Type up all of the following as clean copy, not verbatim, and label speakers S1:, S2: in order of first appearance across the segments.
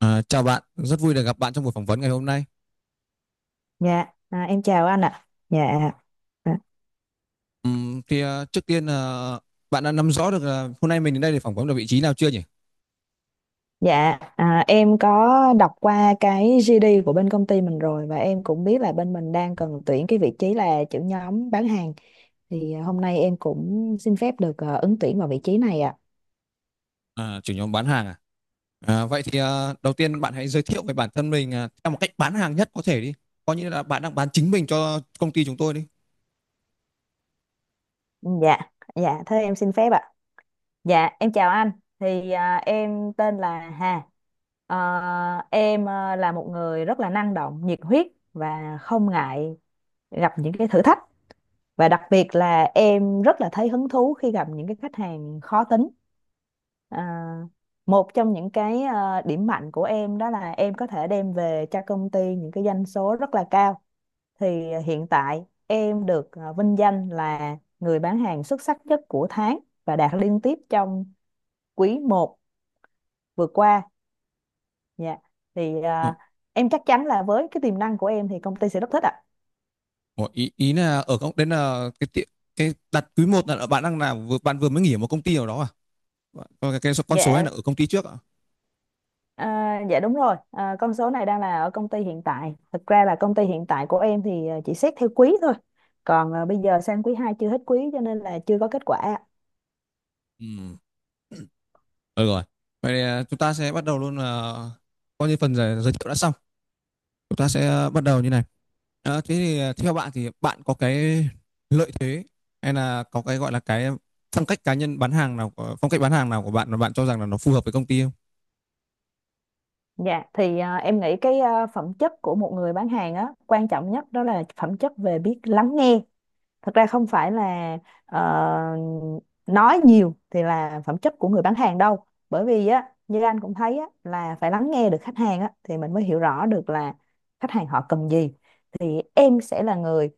S1: Chào bạn, rất vui được gặp bạn trong buổi phỏng vấn ngày hôm nay.
S2: Dạ, em chào anh ạ. Dạ,
S1: Trước tiên là bạn đã nắm rõ được là hôm nay mình đến đây để phỏng vấn được vị trí nào chưa nhỉ?
S2: dạ, em có đọc qua cái GD của bên công ty mình rồi và em cũng biết là bên mình đang cần tuyển cái vị trí là trưởng nhóm bán hàng. Thì hôm nay em cũng xin phép được ứng tuyển vào vị trí này ạ.
S1: Chủ nhóm bán hàng à? Vậy thì đầu tiên bạn hãy giới thiệu về bản thân mình, theo một cách bán hàng nhất có thể đi. Coi như là bạn đang bán chính mình cho công ty chúng tôi đi.
S2: Dạ, dạ, thế em xin phép ạ. Dạ, em chào anh. Thì em tên là Hà. Ờ, em là một người rất là năng động, nhiệt huyết và không ngại gặp những cái thử thách. Và đặc biệt là em rất là thấy hứng thú khi gặp những cái khách hàng khó tính. à, Một trong những cái điểm mạnh của em đó là em có thể đem về cho công ty những cái doanh số rất là cao. Thì hiện tại em được vinh danh là người bán hàng xuất sắc nhất của tháng và đạt liên tiếp trong quý một vừa qua. Dạ, thì
S1: Ờ,
S2: em chắc chắn là với cái tiềm năng của em thì công ty sẽ rất thích ạ.
S1: ờ, ý ý là ở công đến là cái tiệm cái đặt quý một là bạn đang làm vừa bạn vừa mới nghỉ ở một công ty nào đó à? Còn cái số- con số này
S2: Dạ.
S1: là ở công ty trước à?
S2: À, dạ đúng rồi, con số này đang là ở công ty hiện tại. Thực ra là công ty hiện tại của em thì chỉ xét theo quý thôi. Còn bây giờ sang quý 2 chưa hết quý cho nên là chưa có kết quả ạ.
S1: Ừ, được rồi. Vậy thì chúng ta sẽ bắt đầu luôn là coi như phần giới giới thiệu đã xong. Chúng ta sẽ bắt đầu như này. Theo bạn thì bạn có cái lợi thế hay là có cái gọi là cái phong cách cá nhân bán hàng nào, phong cách bán hàng nào của bạn mà bạn cho rằng là nó phù hợp với công ty không?
S2: Dạ, thì em nghĩ cái phẩm chất của một người bán hàng á, quan trọng nhất đó là phẩm chất về biết lắng nghe. Thật ra không phải là ờ, nói nhiều thì là phẩm chất của người bán hàng đâu, bởi vì á như anh cũng thấy á là phải lắng nghe được khách hàng á thì mình mới hiểu rõ được là khách hàng họ cần gì. Thì em sẽ là người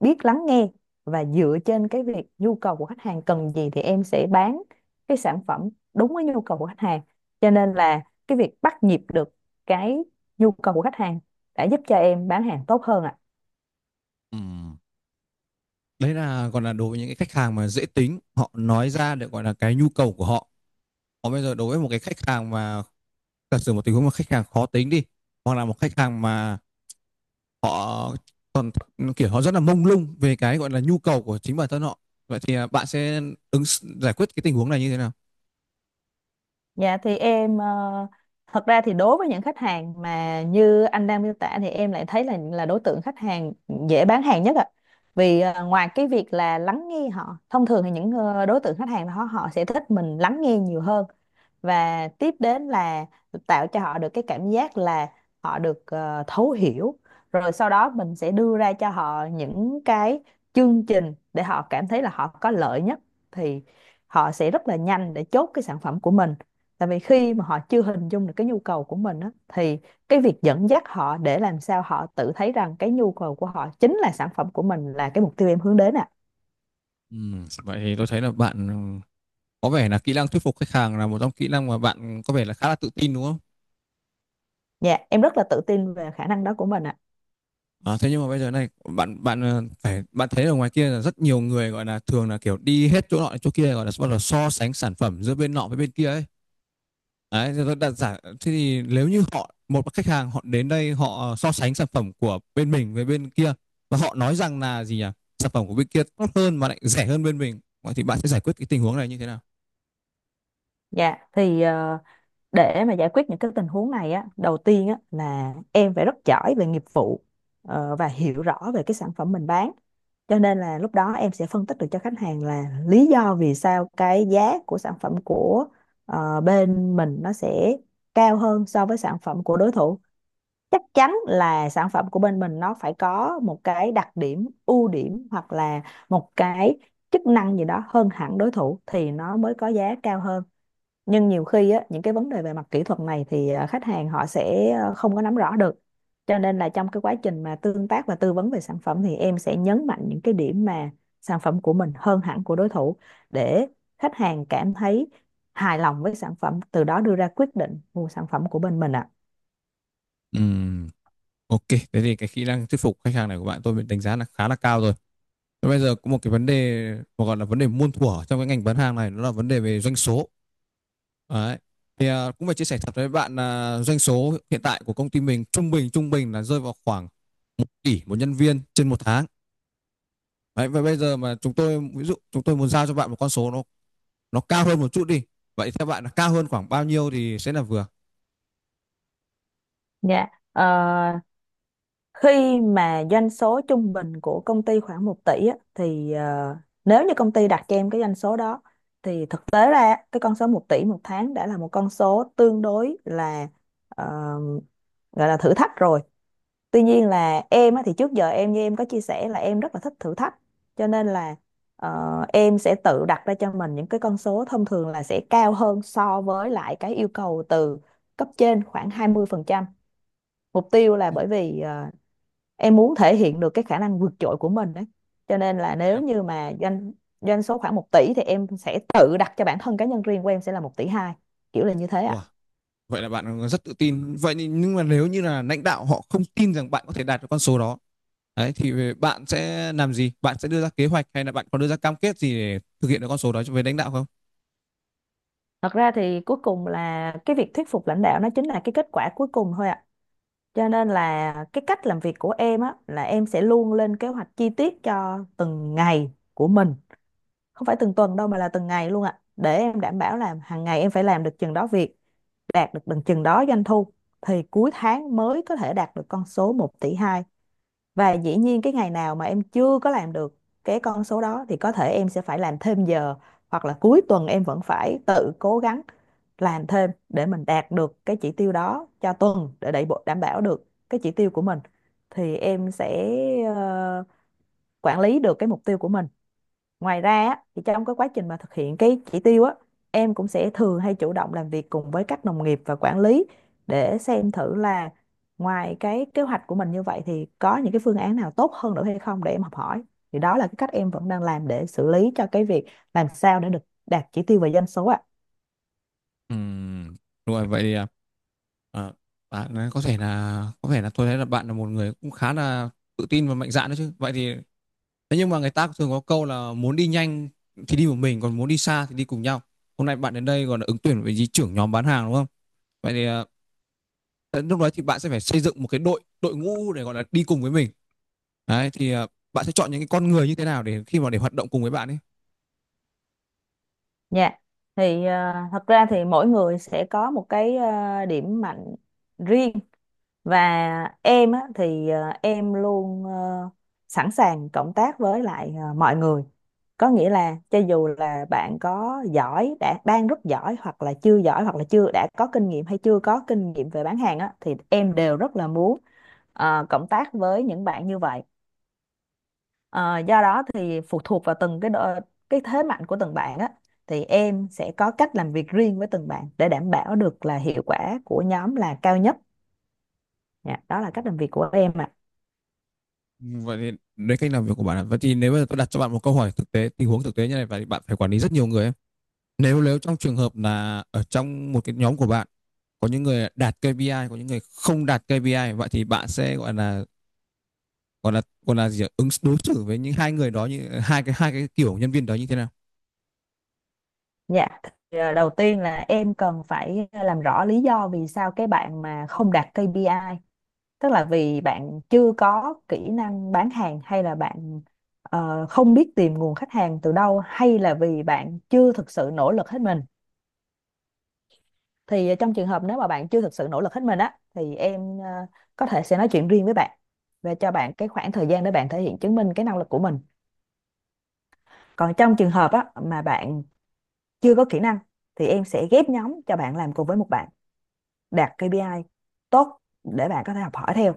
S2: biết lắng nghe và dựa trên cái việc nhu cầu của khách hàng cần gì thì em sẽ bán cái sản phẩm đúng với nhu cầu của khách hàng. Cho nên là cái việc bắt nhịp được cái nhu cầu của khách hàng đã giúp cho em bán hàng tốt hơn ạ.
S1: Ừm, Đấy là còn là đối với những cái khách hàng mà dễ tính họ nói ra được gọi là cái nhu cầu của họ, còn bây giờ đối với một cái khách hàng mà giả sử một tình huống mà khách hàng khó tính đi, hoặc là một khách hàng mà họ còn kiểu họ rất là mông lung về cái gọi là nhu cầu của chính bản thân họ, vậy thì bạn sẽ ứng giải quyết cái tình huống này như thế nào?
S2: Dạ, thì em thật ra thì đối với những khách hàng mà như anh đang miêu tả thì em lại thấy là đối tượng khách hàng dễ bán hàng nhất ạ. Vì ngoài cái việc là lắng nghe họ, thông thường thì những đối tượng khách hàng đó họ sẽ thích mình lắng nghe nhiều hơn. Và tiếp đến là tạo cho họ được cái cảm giác là họ được thấu hiểu. Rồi sau đó mình sẽ đưa ra cho họ những cái chương trình để họ cảm thấy là họ có lợi nhất thì họ sẽ rất là nhanh để chốt cái sản phẩm của mình. Tại vì khi mà họ chưa hình dung được cái nhu cầu của mình á, thì cái việc dẫn dắt họ để làm sao họ tự thấy rằng cái nhu cầu của họ chính là sản phẩm của mình là cái mục tiêu em hướng đến ạ.
S1: Vậy thì tôi thấy là bạn có vẻ là kỹ năng thuyết phục khách hàng là một trong kỹ năng mà bạn có vẻ là khá là tự tin đúng không?
S2: Dạ, em rất là tự tin về khả năng đó của mình ạ.
S1: À, thế nhưng mà bây giờ này bạn bạn phải bạn thấy ở ngoài kia là rất nhiều người gọi là thường là kiểu đi hết chỗ nọ đến chỗ kia gọi là bắt đầu so sánh sản phẩm giữa bên nọ với bên kia ấy. Đấy, thì tôi đặt giả thế thì nếu như họ một khách hàng họ đến đây họ so sánh sản phẩm của bên mình với bên kia và họ nói rằng là gì nhỉ? Sản phẩm của bên kia tốt hơn mà lại rẻ hơn bên mình. Vậy thì bạn sẽ giải quyết cái tình huống này như thế nào?
S2: Dạ, thì để mà giải quyết những cái tình huống này á, đầu tiên á là em phải rất giỏi về nghiệp vụ và hiểu rõ về cái sản phẩm mình bán. Cho nên là lúc đó em sẽ phân tích được cho khách hàng là lý do vì sao cái giá của sản phẩm của bên mình nó sẽ cao hơn so với sản phẩm của đối thủ. Chắc chắn là sản phẩm của bên mình nó phải có một cái đặc điểm, ưu điểm hoặc là một cái chức năng gì đó hơn hẳn đối thủ thì nó mới có giá cao hơn. Nhưng nhiều khi á, những cái vấn đề về mặt kỹ thuật này thì khách hàng họ sẽ không có nắm rõ được. Cho nên là trong cái quá trình mà tương tác và tư vấn về sản phẩm thì em sẽ nhấn mạnh những cái điểm mà sản phẩm của mình hơn hẳn của đối thủ, để khách hàng cảm thấy hài lòng với sản phẩm, từ đó đưa ra quyết định mua sản phẩm của bên mình ạ.
S1: Ừ. Ok, thế thì cái kỹ năng thuyết phục khách hàng này của bạn tôi đánh giá là khá là cao rồi. Thế bây giờ có một cái vấn đề mà gọi là vấn đề muôn thuở trong cái ngành bán hàng này, nó là vấn đề về doanh số. Đấy. Thì cũng phải chia sẻ thật với bạn là doanh số hiện tại của công ty mình trung bình là rơi vào khoảng 1 tỷ 1 nhân viên trên 1 tháng. Đấy, và bây giờ mà chúng tôi ví dụ chúng tôi muốn giao cho bạn một con số nó cao hơn một chút đi. Vậy theo bạn là cao hơn khoảng bao nhiêu thì sẽ là vừa?
S2: Dạ. Ờ, Khi mà doanh số trung bình của công ty khoảng 1 tỷ á, thì nếu như công ty đặt cho em cái doanh số đó thì thực tế ra á, cái con số 1 tỷ một tháng đã là một con số tương đối là ờ, gọi là thử thách rồi. Tuy nhiên là em á, thì trước giờ em như em có chia sẻ là em rất là thích thử thách. Cho nên là em sẽ tự đặt ra cho mình những cái con số thông thường là sẽ cao hơn so với lại cái yêu cầu từ cấp trên khoảng 20%. Mục tiêu là bởi vì em muốn thể hiện được cái khả năng vượt trội của mình đấy. Cho nên là
S1: Vậy
S2: nếu
S1: là
S2: như mà doanh doanh số khoảng 1 tỷ thì em sẽ tự đặt cho bản thân cá nhân riêng của em sẽ là 1,2 tỷ, kiểu là như thế
S1: wow,
S2: ạ.
S1: vậy là bạn rất tự tin. Vậy nhưng mà nếu như là lãnh đạo họ không tin rằng bạn có thể đạt được con số đó, đấy thì bạn sẽ làm gì? Bạn sẽ đưa ra kế hoạch hay là bạn có đưa ra cam kết gì để thực hiện được con số đó với lãnh đạo không?
S2: Thật ra thì cuối cùng là cái việc thuyết phục lãnh đạo nó chính là cái kết quả cuối cùng thôi ạ. Cho nên là cái cách làm việc của em á là em sẽ luôn lên kế hoạch chi tiết cho từng ngày của mình, không phải từng tuần đâu mà là từng ngày luôn ạ, để em đảm bảo là hàng ngày em phải làm được chừng đó việc, đạt được bằng chừng đó doanh thu. Thì cuối tháng mới có thể đạt được con số 1,2 tỷ. Và dĩ nhiên cái ngày nào mà em chưa có làm được cái con số đó thì có thể em sẽ phải làm thêm giờ hoặc là cuối tuần em vẫn phải tự cố gắng làm thêm để mình đạt được cái chỉ tiêu đó cho tuần, để đẩy bộ đảm bảo được cái chỉ tiêu của mình, thì em sẽ ờ, quản lý được cái mục tiêu của mình. Ngoài ra á, thì trong cái quá trình mà thực hiện cái chỉ tiêu á, em cũng sẽ thường hay chủ động làm việc cùng với các đồng nghiệp và quản lý để xem thử là ngoài cái kế hoạch của mình như vậy thì có những cái phương án nào tốt hơn nữa hay không để em học hỏi. Thì đó là cái cách em vẫn đang làm để xử lý cho cái việc làm sao để được đạt chỉ tiêu về doanh số ạ.
S1: Ừm, đúng rồi, vậy thì à, bạn có thể là có vẻ là tôi thấy là bạn là một người cũng khá là tự tin và mạnh dạn đấy chứ. Vậy thì Thế nhưng mà người ta thường có câu là muốn đi nhanh thì đi một mình, còn muốn đi xa thì đi cùng nhau. Hôm nay bạn đến đây còn là ứng tuyển với gì trưởng nhóm bán hàng đúng không? Vậy thì đến lúc đó thì bạn sẽ phải xây dựng một cái đội đội ngũ để gọi là đi cùng với mình, đấy thì bạn sẽ chọn những cái con người như thế nào để khi mà để hoạt động cùng với bạn ấy?
S2: Dạ. Thì thật ra thì mỗi người sẽ có một cái điểm mạnh riêng. Và em á, thì em luôn sẵn sàng cộng tác với lại mọi người. Có nghĩa là cho dù là bạn có giỏi đã đang rất giỏi hoặc là chưa giỏi hoặc là chưa đã có kinh nghiệm hay chưa có kinh nghiệm về bán hàng á, thì em đều rất là muốn cộng tác với những bạn như vậy. Ờ, do đó thì phụ thuộc vào từng cái độ, cái thế mạnh của từng bạn á thì em sẽ có cách làm việc riêng với từng bạn để đảm bảo được là hiệu quả của nhóm là cao nhất. Dạ, đó là cách làm việc của em.
S1: Ừ, vậy thì đấy cách làm việc của bạn ạ. Vậy thì nếu bây giờ tôi đặt cho bạn một câu hỏi thực tế, tình huống thực tế như này và bạn phải quản lý rất nhiều người ấy. Nếu nếu trong trường hợp là ở trong một cái nhóm của bạn có những người đạt KPI, có những người không đạt KPI, vậy thì bạn sẽ gọi là gì ạ? Đối xử với những hai người đó như hai cái kiểu nhân viên đó như thế nào?
S2: Dạ, thì, đầu tiên là em cần phải làm rõ lý do vì sao cái bạn mà không đạt KPI, tức là vì bạn chưa có kỹ năng bán hàng hay là bạn không biết tìm nguồn khách hàng từ đâu hay là vì bạn chưa thực sự nỗ lực hết mình. Thì trong trường hợp nếu mà bạn chưa thực sự nỗ lực hết mình á thì em có thể sẽ nói chuyện riêng với bạn và cho bạn cái khoảng thời gian để bạn thể hiện chứng minh cái năng lực của mình. Còn trong trường hợp á mà bạn chưa có kỹ năng thì em sẽ ghép nhóm cho bạn làm cùng với một bạn đạt KPI tốt để bạn có thể học hỏi theo.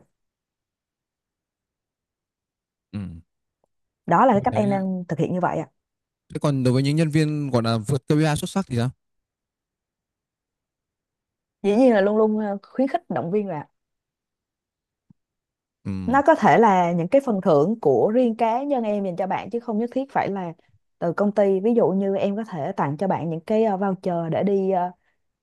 S1: Ừ.
S2: Đó là cái
S1: Tôi
S2: cách
S1: thấy
S2: em đang thực hiện như vậy ạ.
S1: thế còn đối với những nhân viên gọi là vượt KPI xuất sắc thì sao?
S2: Dĩ nhiên là luôn luôn khuyến khích động viên, là nó
S1: Ừm,
S2: có thể là những cái phần thưởng của riêng cá nhân em dành cho bạn chứ không nhất thiết phải là từ công ty, ví dụ như em có thể tặng cho bạn những cái voucher để đi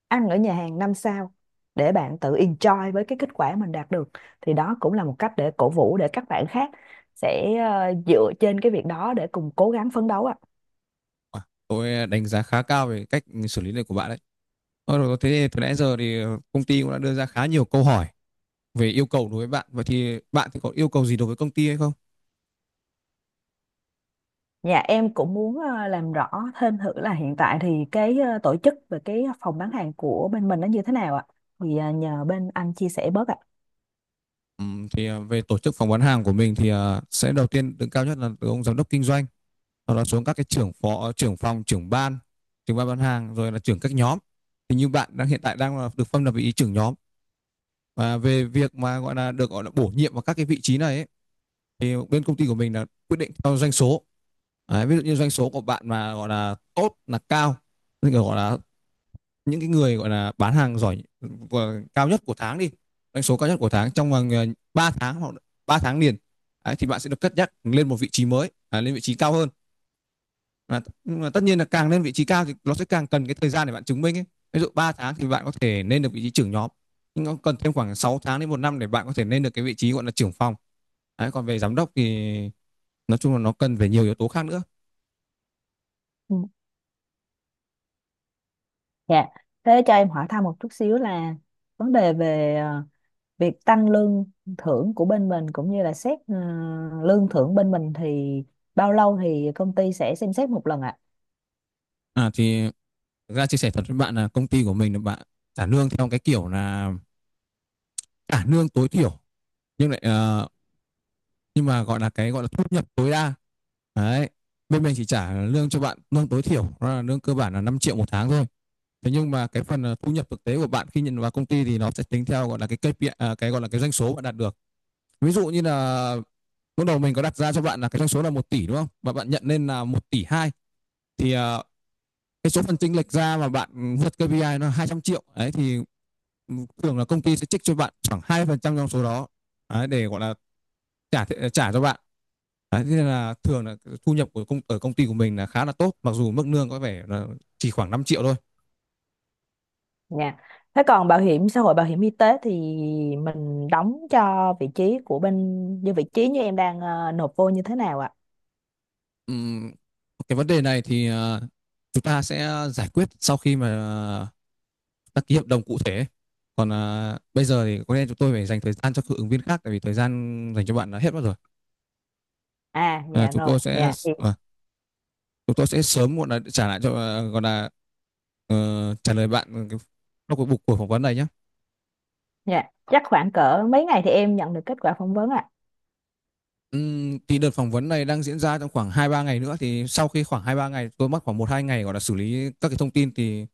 S2: ăn ở nhà hàng 5 sao để bạn tự enjoy với cái kết quả mình đạt được. Thì đó cũng là một cách để cổ vũ, để các bạn khác sẽ dựa trên cái việc đó để cùng cố gắng phấn đấu ạ.
S1: à, tôi đánh giá khá cao về cách xử lý này của bạn đấy. Rồi, thế từ nãy giờ thì công ty cũng đã đưa ra khá nhiều câu hỏi về yêu cầu đối với bạn. Vậy thì bạn thì có yêu cầu gì đối với công ty hay không?
S2: Dạ, em cũng muốn làm rõ thêm thử là hiện tại thì cái tổ chức về cái phòng bán hàng của bên mình nó như thế nào ạ? Thì nhờ bên anh chia sẻ bớt ạ.
S1: Thì về tổ chức phỏng vấn hàng của mình thì sẽ đầu tiên đứng cao nhất là từ ông giám đốc kinh doanh, sau đó xuống các cái trưởng phó, trưởng phòng, trưởng ban bán hàng, rồi là trưởng các nhóm. Thì như bạn đang hiện tại đang là được phân là vị trí trưởng nhóm, và về việc mà gọi là được gọi là bổ nhiệm vào các cái vị trí này ấy, thì bên công ty của mình là quyết định theo doanh số. Đấy, ví dụ như doanh số của bạn mà gọi là tốt là cao, tức là gọi là những cái người gọi là bán hàng giỏi, cao nhất của tháng đi, doanh số cao nhất của tháng trong vòng 3 tháng hoặc 3 tháng liền. Đấy, thì bạn sẽ được cất nhắc lên một vị trí mới, à, lên vị trí cao hơn. À, nhưng mà tất nhiên là càng lên vị trí cao thì nó sẽ càng cần cái thời gian để bạn chứng minh ấy. Ví dụ 3 tháng thì bạn có thể lên được vị trí trưởng nhóm, nhưng nó cần thêm khoảng 6 tháng đến 1 năm để bạn có thể lên được cái vị trí gọi là trưởng phòng. Đấy, còn về giám đốc thì nói chung là nó cần về nhiều yếu tố khác nữa.
S2: Ừ. Dạ. Thế cho em hỏi thăm một chút xíu là vấn đề về việc tăng lương thưởng của bên mình cũng như là xét lương thưởng bên mình thì bao lâu thì công ty sẽ xem xét một lần ạ?
S1: À thì ra chia sẻ thật với bạn là công ty của mình là bạn trả lương theo cái kiểu là trả lương tối thiểu, nhưng lại ờ, nhưng mà gọi là cái gọi là thu nhập tối đa. Đấy, bên mình chỉ trả lương cho bạn lương tối thiểu, đó là lương cơ bản là 5 triệu/tháng thôi. Thế nhưng mà cái phần thu nhập thực tế của bạn khi nhận vào công ty thì nó sẽ tính theo gọi là cái KPI, à, cái gọi là cái doanh số bạn đạt được. Ví dụ như là lúc đầu mình có đặt ra cho bạn là cái doanh số là 1 tỷ đúng không, và bạn nhận lên là 1,2 tỷ, thì cái số phần chênh lệch ra mà bạn vượt KPI nó 200 triệu, đấy thì thường là công ty sẽ trích cho bạn khoảng 2% trong số đó, đấy, để gọi là trả trả cho bạn. Đấy, thế nên là thường là thu nhập của ở công ty của mình là khá là tốt mặc dù mức lương có vẻ là chỉ khoảng 5 triệu thôi.
S2: Dạ. Thế còn bảo hiểm xã hội, bảo hiểm y tế thì mình đóng cho vị trí của bên như vị trí như em đang nộp vô như thế nào ạ?
S1: Ừm, cái vấn đề này thì chúng ta sẽ giải quyết sau khi mà uh, ta ký hợp đồng cụ thể. Còn bây giờ thì có lẽ chúng tôi phải dành thời gian cho các ứng viên khác tại vì thời gian dành cho bạn đã hết mất rồi.
S2: À,
S1: à,
S2: dạ
S1: chúng
S2: rồi,
S1: tôi sẽ
S2: dạ thì
S1: à, Chúng tôi sẽ sớm muộn là trả lại cho gọi là trả lời bạn cái- trong cuộc buộc của phỏng vấn này nhé.
S2: dạ chắc khoảng cỡ mấy ngày thì em nhận được kết quả phỏng vấn ạ.
S1: Thì đợt phỏng vấn này đang diễn ra trong khoảng hai ba ngày nữa thì sau khi khoảng hai ba ngày tôi mất khoảng một hai ngày gọi là xử lý các cái thông tin thì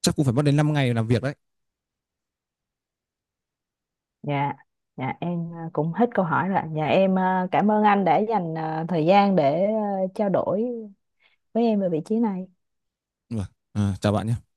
S1: chắc cũng phải mất đến 5 ngày làm việc đấy.
S2: Dạ. Dạ, em cũng hết câu hỏi rồi ạ. Dạ, em cảm ơn anh đã dành thời gian để trao đổi với em về vị trí này.
S1: Ừ. À, chào bạn nhé.